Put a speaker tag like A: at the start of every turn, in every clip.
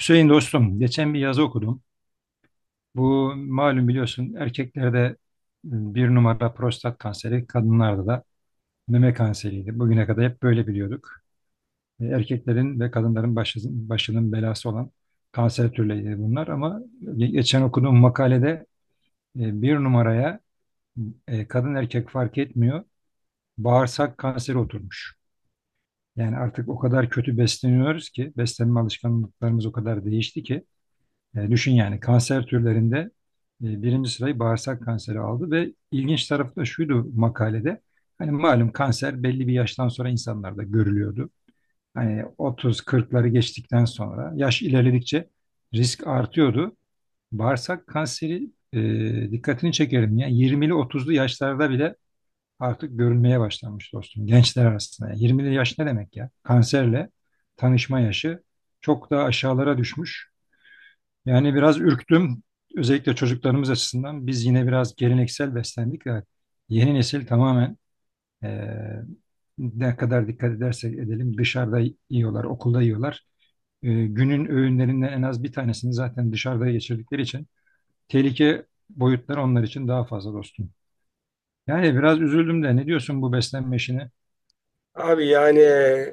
A: Hüseyin dostum, geçen bir yazı okudum. Bu malum biliyorsun, erkeklerde bir numara prostat kanseri, kadınlarda da meme kanseriydi. Bugüne kadar hep böyle biliyorduk. Erkeklerin ve kadınların başının belası olan kanser türleri bunlar, ama geçen okuduğum makalede bir numaraya kadın erkek fark etmiyor, bağırsak kanseri oturmuş. Yani artık o kadar kötü besleniyoruz ki, beslenme alışkanlıklarımız o kadar değişti ki. Düşün yani, kanser türlerinde birinci sırayı bağırsak kanseri aldı. Ve ilginç tarafı da şuydu makalede: hani malum, kanser belli bir yaştan sonra insanlarda görülüyordu. Hani 30-40'ları geçtikten sonra yaş ilerledikçe risk artıyordu. Bağırsak kanseri, dikkatini çekerim, ya 20'li 30'lu yaşlarda bile artık görülmeye başlanmış dostum, gençler arasında. Yani 20'li yaş ne demek ya? Kanserle tanışma yaşı çok daha aşağılara düşmüş. Yani biraz ürktüm. Özellikle çocuklarımız açısından. Biz yine biraz geleneksel beslendik, ve yeni nesil tamamen, eee, ne kadar dikkat edersek edelim, dışarıda yiyorlar, okulda yiyorlar. Günün öğünlerinden en az bir tanesini zaten dışarıda geçirdikleri için tehlike boyutları onlar için daha fazla dostum. Yani biraz üzüldüm de, ne diyorsun bu beslenme işine?
B: Abi yani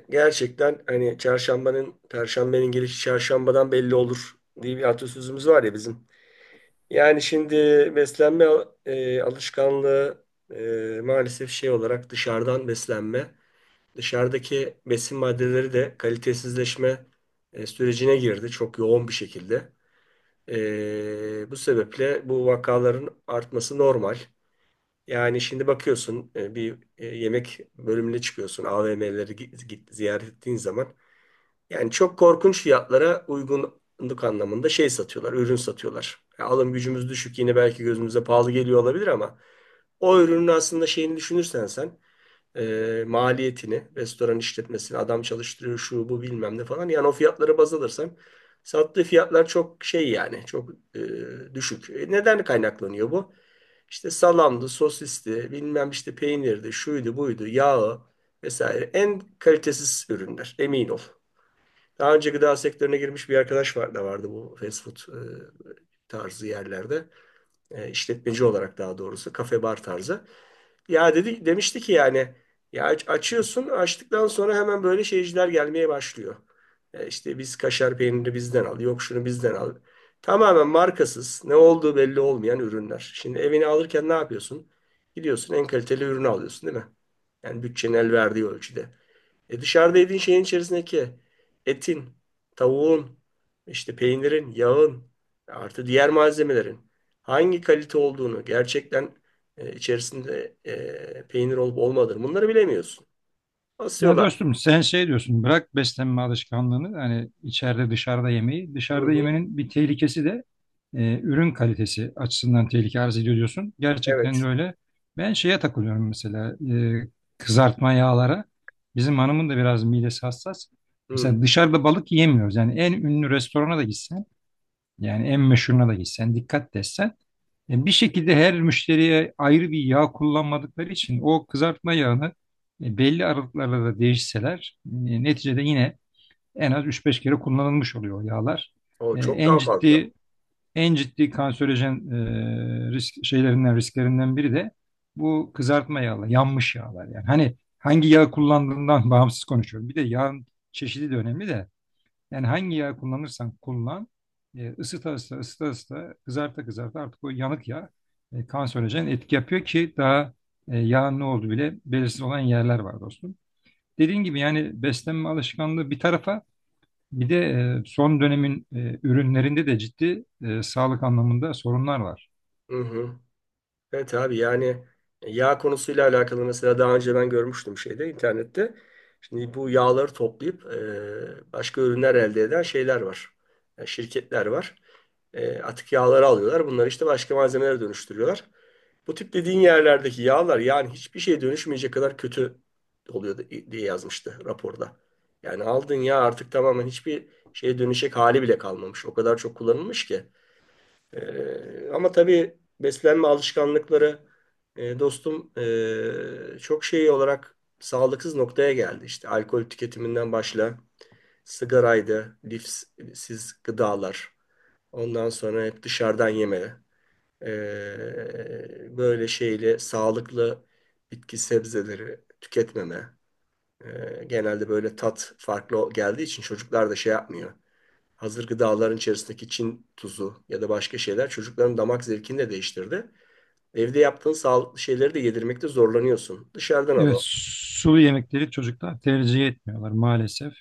B: gerçekten hani çarşambanın, perşembenin gelişi çarşambadan belli olur diye bir atasözümüz var ya bizim. Yani şimdi beslenme alışkanlığı maalesef şey olarak dışarıdan beslenme, dışarıdaki besin maddeleri de kalitesizleşme sürecine girdi çok yoğun bir şekilde. Bu sebeple bu vakaların artması normal. Yani şimdi bakıyorsun bir yemek bölümüne çıkıyorsun AVM'leri ziyaret ettiğin zaman yani çok korkunç fiyatlara uygunluk anlamında şey satıyorlar, ürün satıyorlar. Ya alım gücümüz düşük yine belki gözümüze pahalı geliyor olabilir ama o ürünün aslında şeyini düşünürsen sen, maliyetini, restoran işletmesini, adam çalıştırıyor şu bu bilmem ne falan, yani o fiyatlara baz alırsan sattığı fiyatlar çok şey, yani çok düşük. Neden kaynaklanıyor bu? İşte salamdı, sosisti, bilmem işte peynirdi, şuydu, buydu, yağı vesaire. En kalitesiz ürünler, emin ol. Daha önce gıda sektörüne girmiş bir arkadaş var da vardı bu fast food tarzı yerlerde. İşletmeci olarak, daha doğrusu kafe bar tarzı. Ya dedi, demişti ki yani ya açıyorsun, açtıktan sonra hemen böyle şeyciler gelmeye başlıyor. İşte biz kaşar peynirini bizden al, yok şunu bizden al. Tamamen markasız, ne olduğu belli olmayan ürünler. Şimdi evini alırken ne yapıyorsun? Gidiyorsun, en kaliteli ürünü alıyorsun değil mi? Yani bütçenin el verdiği ölçüde. E dışarıda yediğin şeyin içerisindeki etin, tavuğun, işte peynirin, yağın, artı diğer malzemelerin hangi kalite olduğunu gerçekten, içerisinde peynir olup olmadığını bunları bilemiyorsun.
A: Ya
B: Asıyorlar yani.
A: dostum, sen şey diyorsun, bırak beslenme alışkanlığını, hani içeride dışarıda yemeği.
B: Hı
A: Dışarıda
B: hı.
A: yemenin bir tehlikesi de ürün kalitesi açısından tehlike arz ediyor diyorsun. Gerçekten
B: Evet.
A: de öyle. Ben şeye takılıyorum mesela, e, kızartma yağlara. Bizim hanımın da biraz midesi hassas. Mesela
B: Hı.
A: dışarıda balık yemiyoruz. Yani en ünlü restorana da gitsen, yani en meşhuruna da gitsen, dikkat desen, bir şekilde her müşteriye ayrı bir yağ kullanmadıkları için o kızartma yağını belli aralıklarla da değişseler neticede yine en az üç beş kere kullanılmış oluyor o yağlar.
B: O
A: E,
B: çok
A: En
B: daha fazla.
A: ciddi en ciddi kanserojen risklerinden biri de bu kızartma yağlar, yanmış yağlar yani. Hani hangi yağ kullandığından bağımsız konuşuyorum. Bir de yağın çeşidi de önemli de, yani hangi yağ kullanırsan kullan, ısıta ısıta ısıta ısıta kızarta kızarta artık o yanık yağ kanserojen etki yapıyor. Ki daha yağın ne olduğu bile belirsiz olan yerler var dostum. Dediğin gibi, yani beslenme alışkanlığı bir tarafa, bir de son dönemin ürünlerinde de ciddi, sağlık anlamında sorunlar var.
B: Hı hı. Evet abi, yani yağ konusuyla alakalı mesela daha önce ben görmüştüm şeyde, internette. Şimdi bu yağları toplayıp başka ürünler elde eden şeyler var. Yani şirketler var. Atık yağları alıyorlar. Bunları işte başka malzemelere dönüştürüyorlar. Bu tip dediğin yerlerdeki yağlar yani hiçbir şeye dönüşmeyecek kadar kötü oluyor diye yazmıştı raporda. Yani aldığın yağ artık tamamen hiçbir şeye dönüşecek hali bile kalmamış. O kadar çok kullanılmış ki. Ama tabii beslenme alışkanlıkları dostum çok şey olarak sağlıksız noktaya geldi. İşte alkol tüketiminden başla, sigaraydı, lifsiz gıdalar. Ondan sonra hep dışarıdan yemeli. Böyle şeyle sağlıklı bitki sebzeleri tüketmeme. Genelde böyle tat farklı geldiği için çocuklar da şey yapmıyor. Hazır gıdaların içerisindeki Çin tuzu ya da başka şeyler çocukların damak zevkini de değiştirdi. Evde yaptığın sağlıklı şeyleri de yedirmekte zorlanıyorsun. Dışarıdan
A: Evet,
B: alalım.
A: sulu yemekleri çocuklar tercih etmiyorlar maalesef.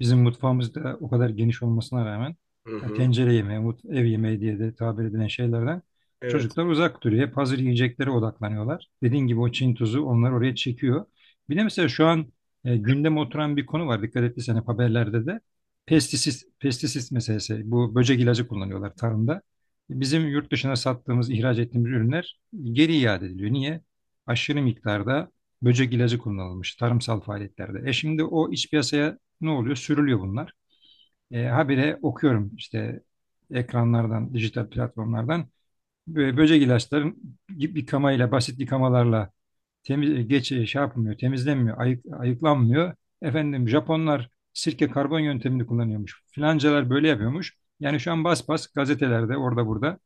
A: Bizim mutfağımız da o kadar geniş olmasına rağmen
B: Hı
A: ya
B: hı.
A: tencere yemeği, ev yemeği diye de tabir edilen şeylerden
B: Evet.
A: çocuklar uzak duruyor. Hep hazır yiyeceklere odaklanıyorlar. Dediğin gibi o Çin tuzu onları oraya çekiyor. Bir de mesela şu an gündeme oturan bir konu var. Dikkat ettiysen hep haberlerde de pestisit, pestisit meselesi. Bu böcek ilacı kullanıyorlar tarımda. Bizim yurt dışına sattığımız, ihraç ettiğimiz ürünler geri iade ediliyor. Niye? Aşırı miktarda böcek ilacı kullanılmış tarımsal faaliyetlerde. E şimdi o iç piyasaya ne oluyor? Sürülüyor bunlar. Habire okuyorum işte ekranlardan, dijital platformlardan, böcek ilaçların, yıkamayla, basit yıkamalarla temiz, e, geç e, şey yapmıyor, temizlenmiyor, ayıklanmıyor. Efendim Japonlar sirke karbon yöntemini kullanıyormuş. Filancalar böyle yapıyormuş. Yani şu an bas bas gazetelerde, orada burada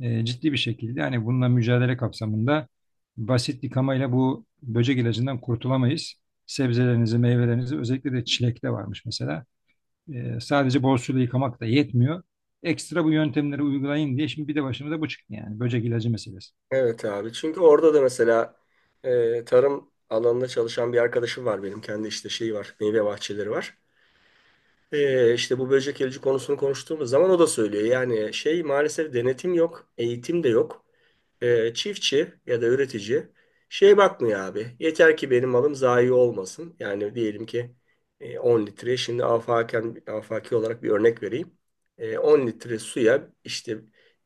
A: ciddi bir şekilde, hani bununla mücadele kapsamında, basit yıkamayla bu böcek ilacından kurtulamayız. Sebzelerinizi, meyvelerinizi, özellikle de çilekte varmış mesela. Sadece bol suyla yıkamak da yetmiyor. Ekstra bu yöntemleri uygulayın diye şimdi bir de başımıza bu çıktı yani, böcek ilacı meselesi.
B: Evet abi. Çünkü orada da mesela tarım alanında çalışan bir arkadaşım var benim. Kendi işte şeyi var. Meyve bahçeleri var. İşte bu böcek ilacı konusunu konuştuğumuz zaman o da söylüyor. Yani şey, maalesef denetim yok, eğitim de yok. Çiftçi ya da üretici şey bakmıyor abi. Yeter ki benim malım zayi olmasın. Yani diyelim ki 10 litre, şimdi afaki olarak bir örnek vereyim. 10 litre suya işte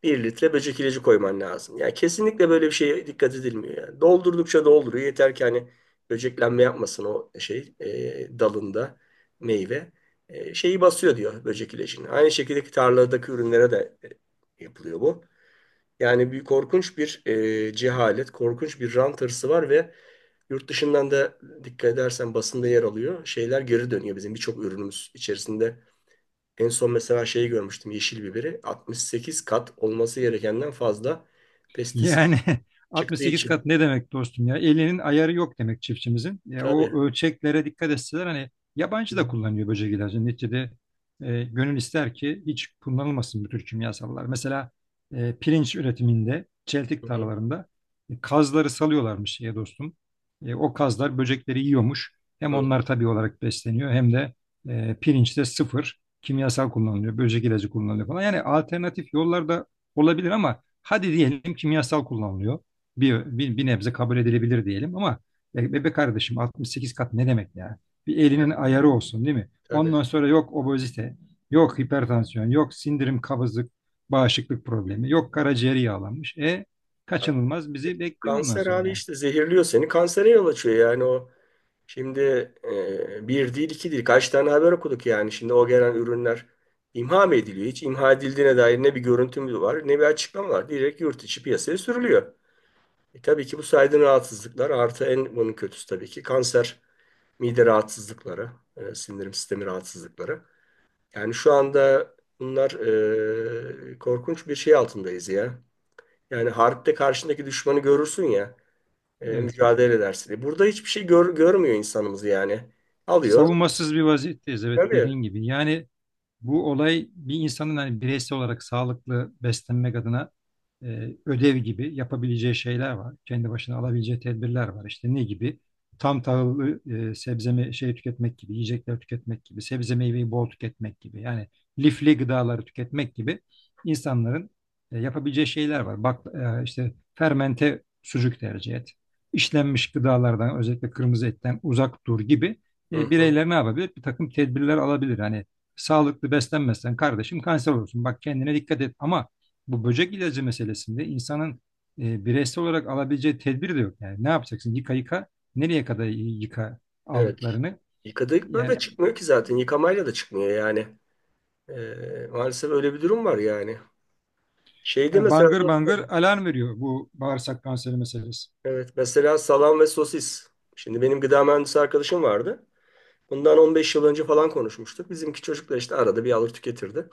B: bir litre böcek ilacı koyman lazım. Yani kesinlikle böyle bir şeye dikkat edilmiyor yani. Doldurdukça dolduruyor. Yeter ki hani böceklenme yapmasın o şey, dalında meyve, şeyi basıyor diyor böcek ilacını. Aynı şekilde tarladaki ürünlere de yapılıyor bu. Yani bir korkunç bir cehalet, korkunç bir rant hırsı var ve yurt dışından da, dikkat edersen basında yer alıyor, şeyler geri dönüyor bizim birçok ürünümüz içerisinde. En son mesela şeyi görmüştüm, yeşil biberi 68 kat olması gerekenden fazla pestisit
A: Yani
B: çıktığı
A: 68
B: için.
A: kat ne demek dostum ya? Elinin ayarı yok demek çiftçimizin. Ya
B: Tabii.
A: o ölçeklere dikkat etseler, hani
B: Hı
A: yabancı da kullanıyor böcek ilacı. Neticede gönül ister ki hiç kullanılmasın bu tür kimyasallar. Mesela pirinç üretiminde, çeltik
B: hı.
A: tarlalarında kazları salıyorlarmış ya dostum. O kazlar böcekleri yiyormuş. Hem
B: Hı hı.
A: onlar tabii olarak besleniyor, hem de pirinçte sıfır kimyasal kullanılıyor. Böcek ilacı kullanılıyor falan. Yani alternatif yollar da olabilir, ama hadi diyelim kimyasal kullanılıyor. Bir nebze kabul edilebilir diyelim, ama bebe kardeşim, 68 kat ne demek ya? Bir elinin ayarı olsun değil mi?
B: Tabii.
A: Ondan sonra yok obezite, yok hipertansiyon, yok sindirim, kabızlık, bağışıklık problemi, yok karaciğeri yağlanmış. E kaçınılmaz bizi bekliyor ondan
B: Kanser
A: sonra
B: abi,
A: yani.
B: işte zehirliyor seni. Kansere yol açıyor yani o. Şimdi bir değil iki değil, kaç tane haber okuduk yani. Şimdi o gelen ürünler imha mı ediliyor? Hiç imha edildiğine dair ne bir görüntü var ne bir açıklama var. Direkt yurt içi piyasaya sürülüyor. Tabii ki bu saydığın rahatsızlıklar, artı en bunun kötüsü tabii ki kanser, mide rahatsızlıkları, sindirim sistemi rahatsızlıkları. Yani şu anda bunlar, korkunç bir şey altındayız ya. Yani harpte karşındaki düşmanı görürsün ya
A: Evet.
B: mücadele edersin diye. Burada hiçbir şey görmüyor insanımız yani. Alıyor.
A: Savunmasız bir vaziyetteyiz, evet,
B: Tabii.
A: dediğin gibi. Yani bu olay, bir insanın hani bireysel olarak sağlıklı beslenmek adına ödev gibi yapabileceği şeyler var. Kendi başına alabileceği tedbirler var. İşte ne gibi? Tam tahıllı e, sebze me- şey tüketmek gibi, yiyecekler tüketmek gibi, sebze meyveyi bol tüketmek gibi. Yani lifli gıdaları tüketmek gibi, insanların yapabileceği şeyler var. Bak, işte fermente sucuk tercih et. İşlenmiş gıdalardan, özellikle kırmızı etten uzak dur gibi,
B: Hı hı.
A: bireyler ne yapabilir? Bir takım tedbirler alabilir. Hani sağlıklı beslenmezsen kardeşim kanser olursun. Bak kendine dikkat et. Ama bu böcek ilacı meselesinde insanın bireysel olarak alabileceği tedbir de yok. Yani ne yapacaksın? Yıka yıka, nereye kadar yıka
B: Evet.
A: aldıklarını.
B: Yıkadık, böyle
A: Yani,
B: de çıkmıyor ki zaten. Yıkamayla da çıkmıyor yani. Maalesef öyle bir durum var yani. Şeyde
A: yani
B: mesela,
A: bangır bangır alarm veriyor bu bağırsak kanseri meselesi.
B: evet, mesela salam ve sosis. Şimdi benim gıda mühendisi arkadaşım vardı. Bundan 15 yıl önce falan konuşmuştuk. Bizimki çocuklar işte arada bir alır tüketirdi.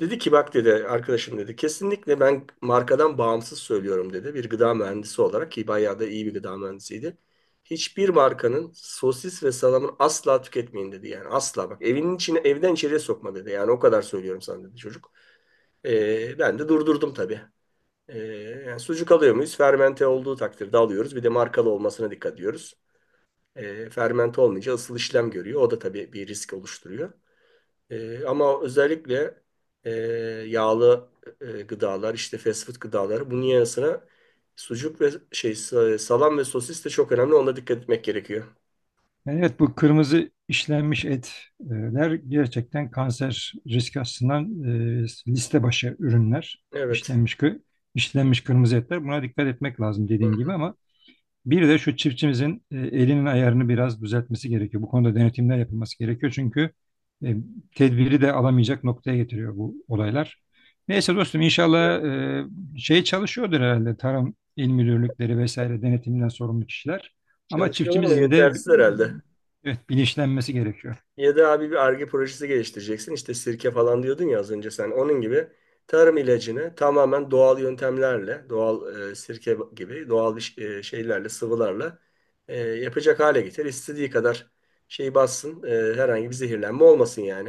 B: Dedi ki, bak dedi arkadaşım, dedi kesinlikle ben markadan bağımsız söylüyorum dedi. Bir gıda mühendisi olarak, ki bayağı da iyi bir gıda mühendisiydi. Hiçbir markanın sosis ve salamını asla tüketmeyin dedi. Yani asla, bak, evinin içine, evden içeriye sokma dedi. Yani o kadar söylüyorum sana dedi çocuk. Ben de durdurdum tabii. Ee, yani sucuk alıyor muyuz? Fermente olduğu takdirde alıyoruz. Bir de markalı olmasına dikkat ediyoruz. Fermente olmayınca ısıl işlem görüyor. O da tabii bir risk oluşturuyor. Ama özellikle e, yağlı gıdalar, işte fast food gıdaları, bunun yanı sıra sucuk ve salam ve sosis de çok önemli. Ona dikkat etmek gerekiyor.
A: Yani evet, bu kırmızı işlenmiş etler gerçekten kanser riski açısından e, liste başı ürünler.
B: Evet.
A: İşlenmiş, işlenmiş kırmızı etler. Buna dikkat etmek lazım,
B: Hı
A: dediğin gibi.
B: hı.
A: Ama bir de şu çiftçimizin elinin ayarını biraz düzeltmesi gerekiyor. Bu konuda denetimler yapılması gerekiyor. Çünkü e, tedbiri de alamayacak noktaya getiriyor bu olaylar. Neyse dostum, inşallah şey çalışıyordur herhalde, tarım il müdürlükleri vesaire, denetimden sorumlu kişiler. Ama
B: Çalışıyorlar ama
A: çiftçimizin de
B: yetersiz herhalde.
A: evet, bilinçlenmesi gerekiyor.
B: Ya da abi bir Ar-Ge projesi geliştireceksin. İşte sirke falan diyordun ya az önce sen. Onun gibi tarım ilacını tamamen doğal yöntemlerle, doğal sirke gibi doğal bir şeylerle, sıvılarla yapacak hale getir. İstediği kadar şey bassın, herhangi bir zehirlenme olmasın yani.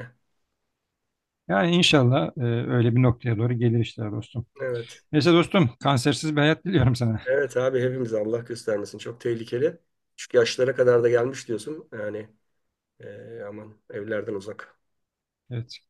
A: Yani inşallah öyle bir noktaya doğru gelir işler dostum.
B: Evet.
A: Neyse dostum, kansersiz bir hayat diliyorum sana.
B: Evet abi, hepimiz, Allah göstermesin, çok tehlikeli. Çünkü yaşlara kadar da gelmiş diyorsun. Yani, aman evlerden uzak.
A: Evet.